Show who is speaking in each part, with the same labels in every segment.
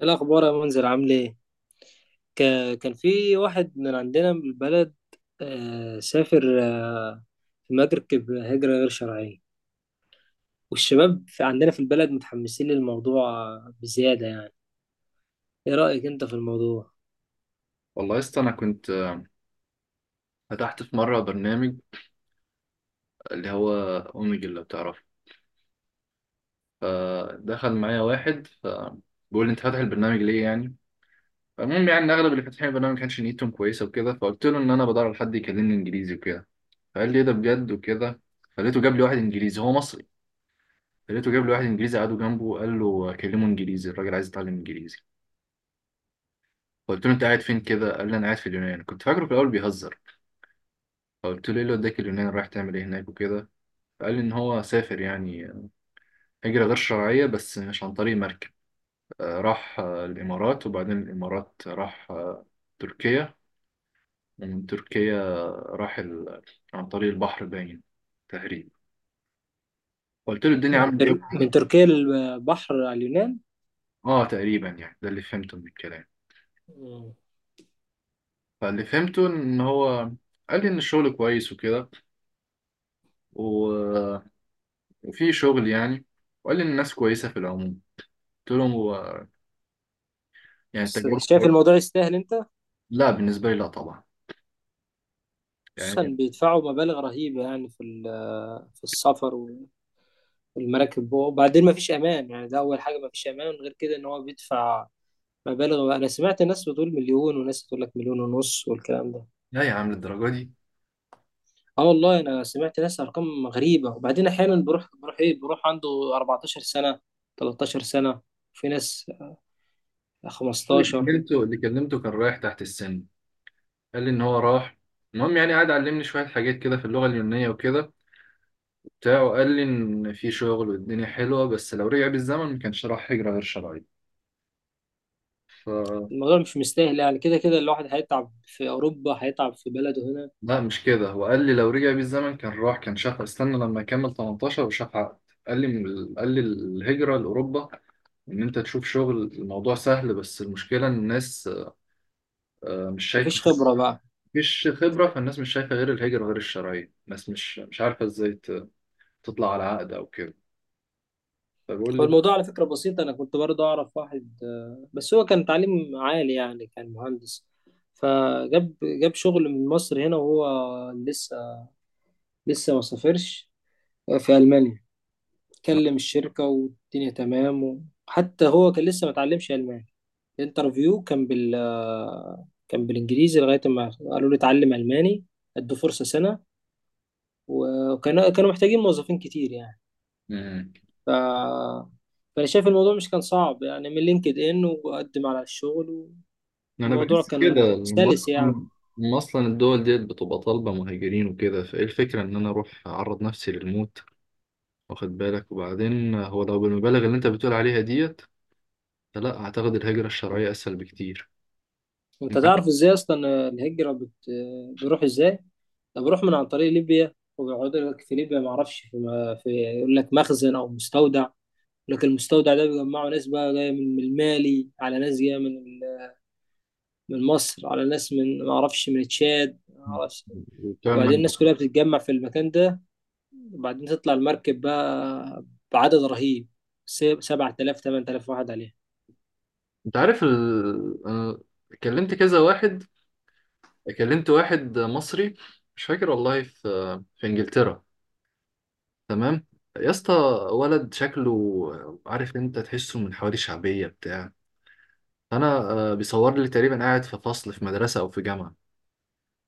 Speaker 1: إيه الأخبار يا منذر، عامل إيه؟ كان في واحد من عندنا من البلد، سافر في مركب هجرة غير شرعية. والشباب في عندنا في البلد متحمسين للموضوع بزيادة يعني. إيه رأيك أنت في الموضوع؟
Speaker 2: والله يا اسطى انا كنت فتحت في مره برنامج اللي هو اوميجل لو تعرفه. فدخل معايا واحد فبيقول لي: انت فاتح البرنامج ليه يعني؟ فالمهم يعني إن اغلب اللي فاتحين البرنامج ما كانش نيتهم كويسه وكده. فقلت له ان انا بدور على حد يكلمني انجليزي وكده. فقال لي: ايه ده بجد وكده؟ فلقيته جاب لي واحد انجليزي هو مصري. فلقيته جاب لي واحد انجليزي، قعدوا جنبه وقال له كلمه انجليزي، الراجل عايز يتعلم انجليزي. فقلت له: انت قاعد فين كده؟ قال لي: انا قاعد في اليونان. كنت فاكره في الاول بيهزر. فقلت له: ايه اللي وداك اليونان، رايح تعمل ايه هناك وكده؟ فقال لي ان هو سافر يعني هجرة غير شرعية بس مش عن طريق مركب. راح الإمارات، وبعدين الإمارات راح تركيا، ومن تركيا راح عن طريق البحر باين تقريبا. قلت له: الدنيا عاملة إيه
Speaker 1: من
Speaker 2: وكده؟
Speaker 1: تركيا للبحر على اليونان؟
Speaker 2: آه، تقريبا يعني ده اللي فهمته من الكلام.
Speaker 1: مم.
Speaker 2: فاللي فهمته إن هو قال لي إن الشغل كويس وكده و- وفي شغل يعني. وقال لي إن الناس كويسة في العموم. قلت له: هو يعني
Speaker 1: بس
Speaker 2: التجربة
Speaker 1: شايف
Speaker 2: كويسة؟
Speaker 1: الموضوع يستاهل أنت؟
Speaker 2: لا، بالنسبة لي لا طبعا
Speaker 1: خصوصا
Speaker 2: يعني.
Speaker 1: بيدفعوا مبالغ رهيبة يعني في ال- آه، في السفر والمراكب. وبعدين مفيش أمان، يعني ده أول حاجة مفيش أمان، غير كده إن هو بيدفع مبالغ بقى. انا سمعت ناس بتقول مليون وناس تقول لك مليون ونص والكلام ده.
Speaker 2: لا يا عم للدرجة دي.
Speaker 1: اه والله انا سمعت ناس ارقام غريبه، وبعدين احيانا بروح عنده 14 سنه، 13 سنه، في ناس
Speaker 2: اللي
Speaker 1: 15.
Speaker 2: كلمته، اللي كلمته كان رايح تحت السن. قال لي ان هو راح. المهم يعني قعد علمني شويه حاجات كده في اللغه اليونانيه وكده وبتاع، وقال لي ان في شغل والدنيا حلوه، بس لو رجع بالزمن ما كانش راح هجره غير شرعيه. ف
Speaker 1: الموضوع مش مستاهل يعني، كده كده الواحد هيتعب في اوروبا هيتعب في بلده هنا.
Speaker 2: لا مش كده، هو قال لي لو رجع بالزمن كان راح كان شاف، استنى لما يكمل 18 وشاف عقد. قال لي قال لي الهجره لاوروبا ان انت تشوف شغل، الموضوع سهل، بس المشكله ان الناس مش شايفه.
Speaker 1: مفيش خبره بقى.
Speaker 2: مفيش خبره، فالناس مش شايفه غير الهجره غير الشرعيه. الناس مش عارفه ازاي تطلع على عقد او كده.
Speaker 1: هو
Speaker 2: فبقول
Speaker 1: الموضوع على فكره بسيط، انا كنت برضه اعرف واحد بس هو كان تعليم عالي يعني، كان مهندس. فجاب شغل من مصر هنا وهو لسه ما سافرش. في ألمانيا كلم الشركة والدنيا تمام، وحتى هو كان لسه ما اتعلمش ألماني. الانترفيو كان بالإنجليزي لغاية ما قالوا لي اتعلم ألماني. ادوا فرصة سنة. وكانوا محتاجين موظفين كتير يعني.
Speaker 2: لي
Speaker 1: ف... فأنا شايف الموضوع مش كان صعب يعني، من لينكد إن وقدم على الشغل
Speaker 2: انا
Speaker 1: والموضوع
Speaker 2: بحس
Speaker 1: كان
Speaker 2: كده ان
Speaker 1: سلس يعني.
Speaker 2: اصلا، إن أصلاً الدول ديت بتبقى طالبه مهاجرين وكده، فايه الفكره ان انا اروح اعرض نفسي للموت؟ واخد بالك. وبعدين هو لو بالمبالغ اللي انت بتقول عليها ديت، فلا اعتقد، الهجره الشرعيه اسهل بكتير.
Speaker 1: أنت
Speaker 2: انت عارف
Speaker 1: تعرف إزاي أصلا بيروح إزاي؟ انا بروح من عن طريق ليبيا، وبيقعدوا لك في ليبيا، ما اعرفش ما في، يقول لك مخزن او مستودع. يقول لك المستودع ده بيجمعوا ناس بقى جايه من المالي، على ناس جايه من مصر، على ناس من، ما اعرفش، من تشاد، ما اعرفش.
Speaker 2: بتوع
Speaker 1: وبعدين
Speaker 2: المجمع.
Speaker 1: الناس كلها بتتجمع في المكان ده، وبعدين تطلع المركب بقى بعدد رهيب، 7000 8000 واحد عليها.
Speaker 2: أنت عارف انا كلمت كذا واحد. كلمت واحد مصري، مش فاكر والله، في في انجلترا. تمام يا اسطى، ولد شكله، عارف، انت تحسه من حواري شعبيه بتاع انا بيصور لي تقريبا قاعد في فصل في مدرسه او في جامعه.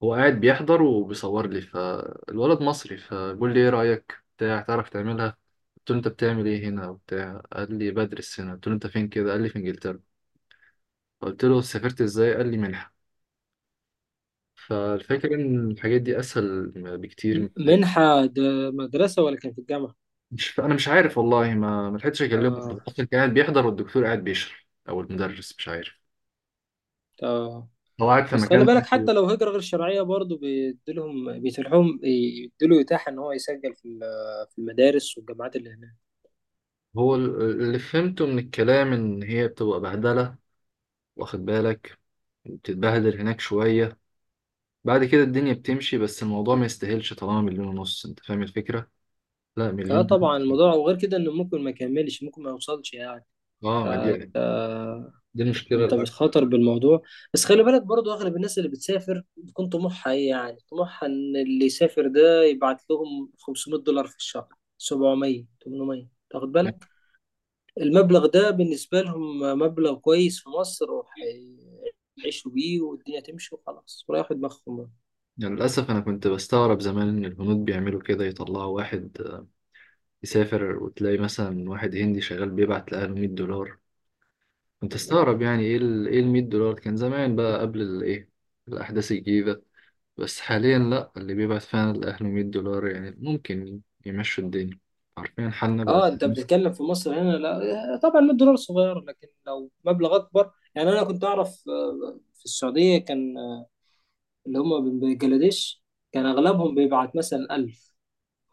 Speaker 2: هو قاعد بيحضر وبيصور لي، فالولد مصري فبيقول لي: ايه رايك بتاع تعرف تعملها؟ قلت له: انت بتعمل ايه هنا وبتاع؟ قال لي: بدرس هنا. قلت له: انت فين كده؟ قال لي: في انجلترا. قلت له: سافرت ازاي؟ قال لي: منحه. فالفكره ان الحاجات دي اسهل بكتير من
Speaker 1: منحة ده، مدرسة ولا كان في الجامعة؟
Speaker 2: مش، انا مش عارف والله، ما لحقتش اكلمه.
Speaker 1: آه.
Speaker 2: اصلا كان قاعد بيحضر والدكتور قاعد بيشرح او المدرس مش عارف،
Speaker 1: آه.
Speaker 2: هو قاعد في
Speaker 1: بس خلي
Speaker 2: مكان.
Speaker 1: بالك، حتى لو هجرة غير شرعية برضه بيديلهم، بيتيحهم بيديله إتاحة إن هو يسجل في المدارس والجامعات اللي هناك.
Speaker 2: اللي فهمته من الكلام إن هي بتبقى بهدلة، واخد بالك، بتتبهدل هناك شوية، بعد كده الدنيا بتمشي، بس الموضوع ما يستاهلش طالما مليون ونص. انت فاهم الفكرة؟ لا، مليون
Speaker 1: اه طبعا
Speaker 2: ونص.
Speaker 1: الموضوع، وغير كده إنه ممكن ما يكملش، ممكن ما يوصلش يعني.
Speaker 2: اه،
Speaker 1: ف
Speaker 2: ما دي،
Speaker 1: آه،
Speaker 2: دي المشكلة
Speaker 1: أنت
Speaker 2: الأكبر
Speaker 1: بتخاطر بالموضوع. بس خلي بالك برضه، أغلب الناس اللي بتسافر بتكون طموحها إيه؟ يعني طموحها إن اللي يسافر ده يبعت لهم 500 دولار في الشهر، 700 800، تاخد
Speaker 2: يعني.
Speaker 1: بالك. المبلغ ده بالنسبة لهم مبلغ كويس في مصر، وهيعيشوا بيه والدنيا تمشي وخلاص، وياخد دماغهم بقى.
Speaker 2: للأسف أنا كنت بستغرب زمان إن الهنود بيعملوا كده، يطلعوا واحد يسافر وتلاقي مثلا واحد هندي شغال بيبعت لأهله 100 دولار. كنت استغرب يعني إيه ال 100 دولار؟ كان زمان بقى قبل الإيه، الأحداث الجديدة. بس حاليا لأ، اللي بيبعت فعلا لأهله 100 دولار يعني ممكن يمشوا الدنيا، عارفين حالنا بقى.
Speaker 1: اه انت بتتكلم في مصر هنا، لا طبعا 100 دولار صغير، لكن لو مبلغ اكبر يعني. انا كنت اعرف في السعودية، كان اللي هم من بنجلاديش، كان اغلبهم بيبعت مثلا 1000.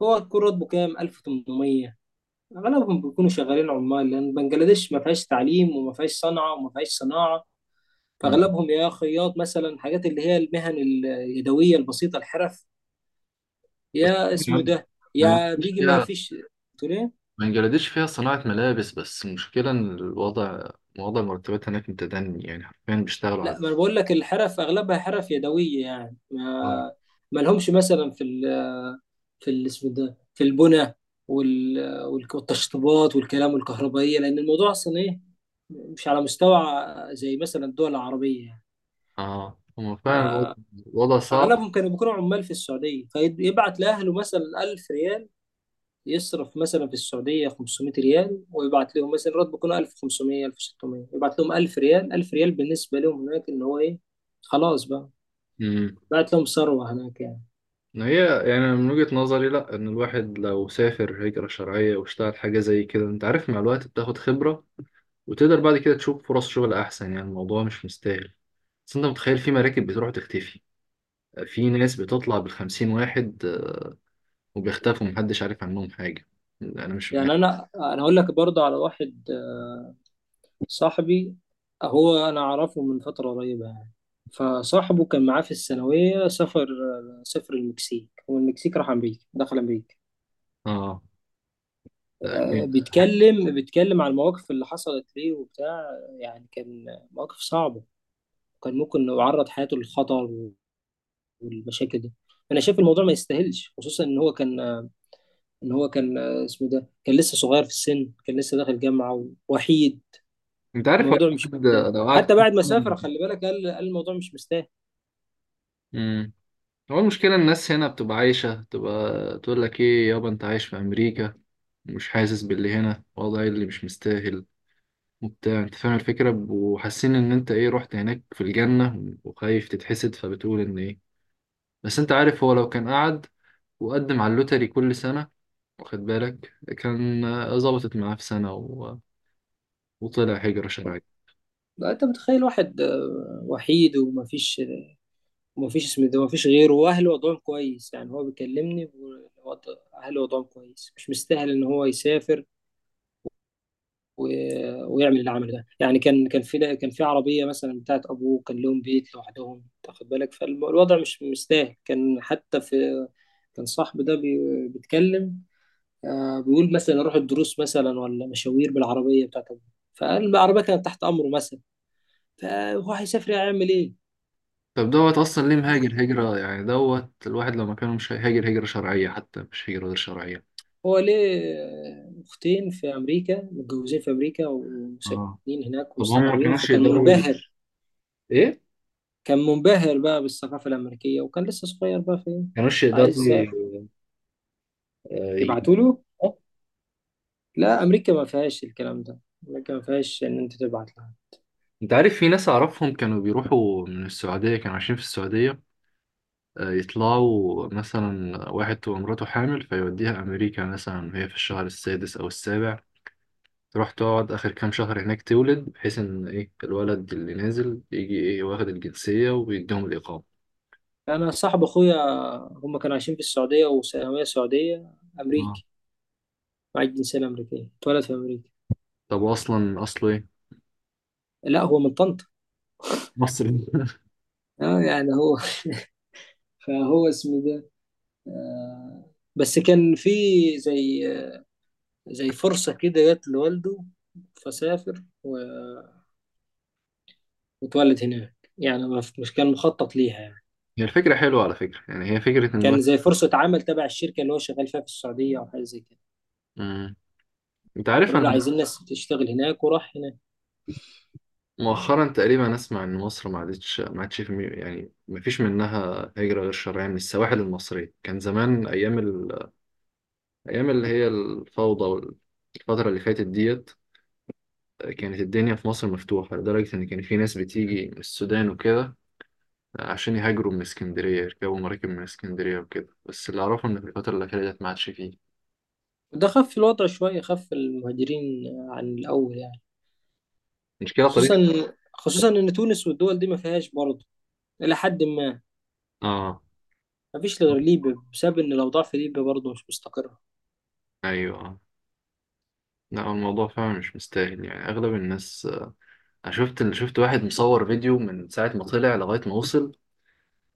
Speaker 1: هو يكون راتبه كام؟ 1800. اغلبهم بيكونوا شغالين عمال، لان بنجلاديش ما فيهاش تعليم وما فيهاش صنعة وما فيهاش صناعة.
Speaker 2: مم.
Speaker 1: فاغلبهم يا خياط مثلا، حاجات اللي هي المهن اليدويه البسيطه، الحرف.
Speaker 2: بس
Speaker 1: يا اسمه
Speaker 2: يعني
Speaker 1: ده،
Speaker 2: ما
Speaker 1: يا
Speaker 2: نجحليش
Speaker 1: بيجي، ما
Speaker 2: فيها.
Speaker 1: فيش تقول ايه.
Speaker 2: ما نجلدش فيها صناعة ملابس، بس المشكلة إن الوضع، وضع المرتبات هناك متدني، يعني حرفيا بيشتغلوا على
Speaker 1: لا، ما انا بقول لك الحرف اغلبها حرف يدويه، يعني
Speaker 2: آه.
Speaker 1: ما ما لهمش مثلا اسمه ده، في البنى، وال... والتشطيبات والكلام والكهربائيه، لان الموضوع اصلا ايه، مش على مستوى زي مثلا الدول العربيه يعني.
Speaker 2: اه، هو فعلا الوضع، الوضع صعب.
Speaker 1: اغلبهم كانوا بيكونوا عمال في السعوديه، فيبعت لاهله مثلا 1000 ريال. يصرف مثلا في السعودية 500 ريال، ويبعت لهم مثلا، راتبه يكون 1500 1600، يبعت لهم 1000 ريال. 1000 ريال بالنسبة لهم هناك إن هو إيه، خلاص بقى،
Speaker 2: امم
Speaker 1: بعت لهم ثروة هناك يعني.
Speaker 2: هي يعني من وجهة نظري لا، ان الواحد لو سافر هجرة شرعية واشتغل حاجة زي كده، انت عارف، مع الوقت بتاخد خبرة وتقدر بعد كده تشوف فرص شغل احسن، يعني الموضوع مش مستاهل. بس انت متخيل في مراكب بتروح تختفي؟ في ناس بتطلع بالخمسين واحد وبيختفوا، محدش عارف عنهم حاجة. لا، أنا مش
Speaker 1: يعني
Speaker 2: معاهم.
Speaker 1: أنا هقول لك برضه على واحد صاحبي، هو أنا أعرفه من فترة قريبة يعني. فصاحبه كان معاه في الثانوية، سافر، سافر المكسيك، والمكسيك راح أمريكا، دخل أمريكا.
Speaker 2: اه، لا جامد.
Speaker 1: بيتكلم عن المواقف اللي حصلت ليه وبتاع. يعني كان مواقف صعبة، كان ممكن يعرض حياته للخطر والمشاكل دي. انا شايف الموضوع ما يستاهلش، خصوصا ان هو كان اسمه ده، كان لسه صغير في السن، كان لسه داخل جامعه، ووحيد.
Speaker 2: أنت عارف هو
Speaker 1: الموضوع مش مستاهل،
Speaker 2: الواحد لو قعد
Speaker 1: حتى
Speaker 2: كام
Speaker 1: بعد ما سافر
Speaker 2: سنة-
Speaker 1: خلي بالك، قال الموضوع مش مستاهل.
Speaker 2: مم. هو المشكلة الناس هنا بتبقى عايشة، تبقى تقول لك: إيه يابا، أنت عايش في أمريكا ومش حاسس باللي هنا. والله اللي مش مستاهل وبتاع، أنت فاهم الفكرة، وحاسين إن أنت إيه، رحت هناك في الجنة وخايف تتحسد، فبتقول إن إيه. بس أنت عارف هو لو كان قعد وقدم على اللوتري كل سنة، واخد بالك، كان ظبطت معاه في سنة وطلع هجرة شرعية.
Speaker 1: انت متخيل واحد وحيد ومفيش، ومفيش اسمه ده، مفيش غيره، واهله وضعهم كويس، يعني هو بيكلمني، اهله وضعهم كويس، مش مستاهل ان هو يسافر ويعمل العمل ده. يعني كان في عربيه مثلا بتاعت ابوه، كان لهم بيت لوحدهم، تاخد بالك، فالوضع مش سهل. كان حتى في، كان صاحبي ده بيتكلم، بيقول مثلا اروح الدروس مثلا، ولا مشاوير بالعربيه بتاعت ابوه، فقال العربيه كانت تحت امره مثلا. فهو هيسافر هيعمل ايه؟
Speaker 2: طب دوت اصلا ليه مهاجر هجرة يعني، دوت الواحد لو ما كانوا مش هيهاجر هجرة شرعية حتى مش هجرة غير شرعية.
Speaker 1: هو ليه اختين في امريكا، متجوزين في امريكا
Speaker 2: اه،
Speaker 1: وساكنين هناك
Speaker 2: طب هم ما
Speaker 1: ومستقرين،
Speaker 2: كانوش
Speaker 1: فكان
Speaker 2: يقدروا
Speaker 1: منبهر
Speaker 2: ايه، ما
Speaker 1: كان منبهر بقى بالثقافة الأمريكية، وكان لسه صغير بقى في إيه؟
Speaker 2: كانوش
Speaker 1: عايز
Speaker 2: يقدروا
Speaker 1: يسافر،
Speaker 2: آه، ي-
Speaker 1: يبعتوا له.
Speaker 2: آه.
Speaker 1: لا أمريكا ما فيهاش الكلام ده، أمريكا ما فيهاش إن أنت تبعت لها.
Speaker 2: انت عارف في ناس اعرفهم كانوا بيروحوا من السعودية، كانوا عايشين في السعودية. يطلعوا مثلا واحد تبقى مراته حامل فيوديها امريكا مثلا، وهي في الشهر السادس او السابع، تروح تقعد اخر كام شهر هناك تولد، بحيث ان ايه، الولد اللي نازل يجي ايه واخد الجنسية ويديهم الاقامة.
Speaker 1: أنا صاحب أخويا، هم كانوا عايشين في السعودية، وثانوية سعودية.
Speaker 2: اه،
Speaker 1: أمريكي، معاه الجنسية الأمريكية، اتولد في أمريكا.
Speaker 2: طب اصلا اصله ايه؟
Speaker 1: لا هو من طنطا.
Speaker 2: مصري
Speaker 1: آه يعني هو فهو اسمه ده، آه بس كان في، زي زي فرصة كده جت لوالده، فسافر و- واتولد هناك يعني، مش كان مخطط ليها يعني.
Speaker 2: هي الفكره حلوه على فكره يعني، هي فكره ان
Speaker 1: كان
Speaker 2: الواحد.
Speaker 1: زي فرصة عمل تبع الشركة اللي هو شغال فيها في السعودية، أو حاجة زي كده.
Speaker 2: مم. انت عارف
Speaker 1: قالوا له
Speaker 2: انا
Speaker 1: عايزين ناس تشتغل هناك، وراح هناك.
Speaker 2: مؤخرا تقريبا اسمع ان مصر ما عادتش، ما عادش في يعني ما فيش منها هجره غير شرعيه من السواحل المصريه. كان زمان ايام ايام اللي هي الفوضى والفتره اللي فاتت ديت كانت الدنيا في مصر مفتوحه لدرجه ان كان في ناس بتيجي من السودان وكده عشان يهاجروا من اسكندريه، يركبوا مراكب من اسكندريه وكده. بس اللي اعرفه ان في الفتره الاخيره ديت ما عادش فيه.
Speaker 1: وده خف الوضع شوية، خف المهاجرين عن الأول يعني.
Speaker 2: مشكله
Speaker 1: خصوصا
Speaker 2: طريقه.
Speaker 1: خصوصا إن تونس والدول دي ما فيهاش برضه، إلى حد ما.
Speaker 2: اه.
Speaker 1: ما فيش غير ليبيا، بسبب إن الأوضاع في ليبيا برضه مش مستقرة.
Speaker 2: ايوه. لا، هو الموضوع فعلا مش مستاهل، يعني اغلب الناس. انا شفت، شفت واحد مصور فيديو من ساعه ما طلع لغايه ما وصل،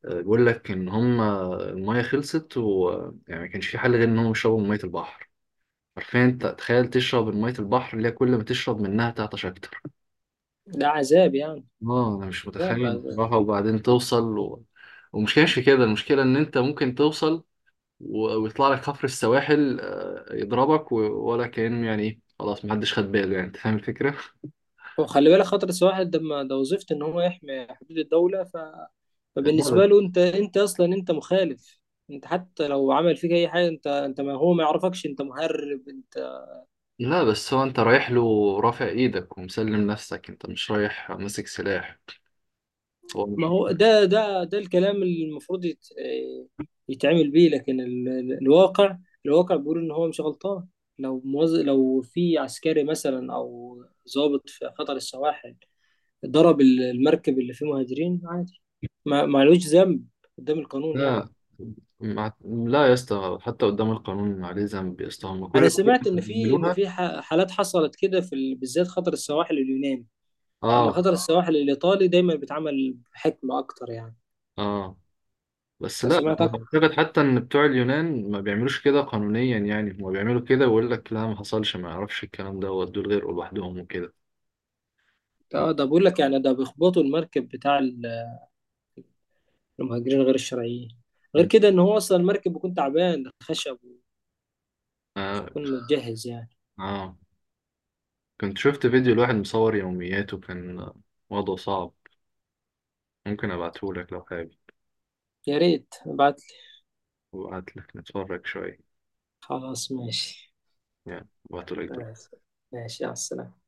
Speaker 2: بيقول لك ان هم، المايه خلصت ويعني ما كانش في حل غير ان هم يشربوا من ميه البحر. عارفين انت تخيل تشرب من ميه البحر اللي هي كل ما تشرب منها تعطش اكتر؟
Speaker 1: ده عذاب يعني،
Speaker 2: اه، انا مش
Speaker 1: عذاب.
Speaker 2: متخيل بصراحه. وبعدين توصل ومشكلة في كده، المشكله ان انت ممكن توصل ويطلع لك حفر السواحل يضربك ولا كأن يعني ايه، خلاص محدش خد باله يعني. انت فاهم الفكره؟
Speaker 1: وخلي بالك خطر السواحل ده ده وظيفته ان هو يحمي حدود الدوله.
Speaker 2: لا.
Speaker 1: فبالنسبه له، انت اصلا انت مخالف. انت حتى لو عمل فيك اي حاجه، انت ما هو ما يعرفكش، انت مهرب انت.
Speaker 2: لا، بس هو انت رايح له رافع ايدك ومسلم نفسك، انت مش رايح ماسك سلاح، هو
Speaker 1: ما
Speaker 2: مش.
Speaker 1: هو ده الكلام اللي المفروض يتعمل بيه، لكن الواقع بيقول ان هو مش غلطان. لو في عسكري مثلا، او ضابط في خطر السواحل، ضرب المركب اللي فيه مهاجرين، عادي، ما لهوش ذنب قدام القانون يعني.
Speaker 2: لا، لا يا اسطى، حتى قدام القانون عليه ذنب يا اسطى، هم كل
Speaker 1: انا
Speaker 2: الحاجات
Speaker 1: سمعت
Speaker 2: اللي
Speaker 1: ان في
Speaker 2: بيعملوها.
Speaker 1: حالات حصلت كده بالذات خطر السواحل اليوناني، اما
Speaker 2: اه.
Speaker 1: خطر السواحل الايطالي دايما بيتعمل بحكمه اكتر يعني.
Speaker 2: اه، بس
Speaker 1: انا
Speaker 2: لا، أنا
Speaker 1: سمعت اكتر.
Speaker 2: اعتقد حتى ان بتوع اليونان ما بيعملوش كده قانونيا، يعني هم بيعملوا كده ويقول لك لا ما حصلش، ما يعرفش الكلام ده، ودول غير لوحدهم وكده.
Speaker 1: اه ده بقول لك يعني، ده بيخبطوا المركب بتاع المهاجرين غير الشرعيين. غير كده ان هو اصلا المركب بيكون تعبان، ده خشب،
Speaker 2: آه.
Speaker 1: ويكون متجهز يعني.
Speaker 2: اه، كنت شفت فيديو لواحد مصور يومياته، كان وضعه صعب، ممكن ابعته لك لو حابب
Speaker 1: يا ريت ابعت لي.
Speaker 2: وقعدت لك نتفرج شوية،
Speaker 1: خلاص ماشي.
Speaker 2: يعني وقت قليل.
Speaker 1: ماشي، ماشي، على السلامه.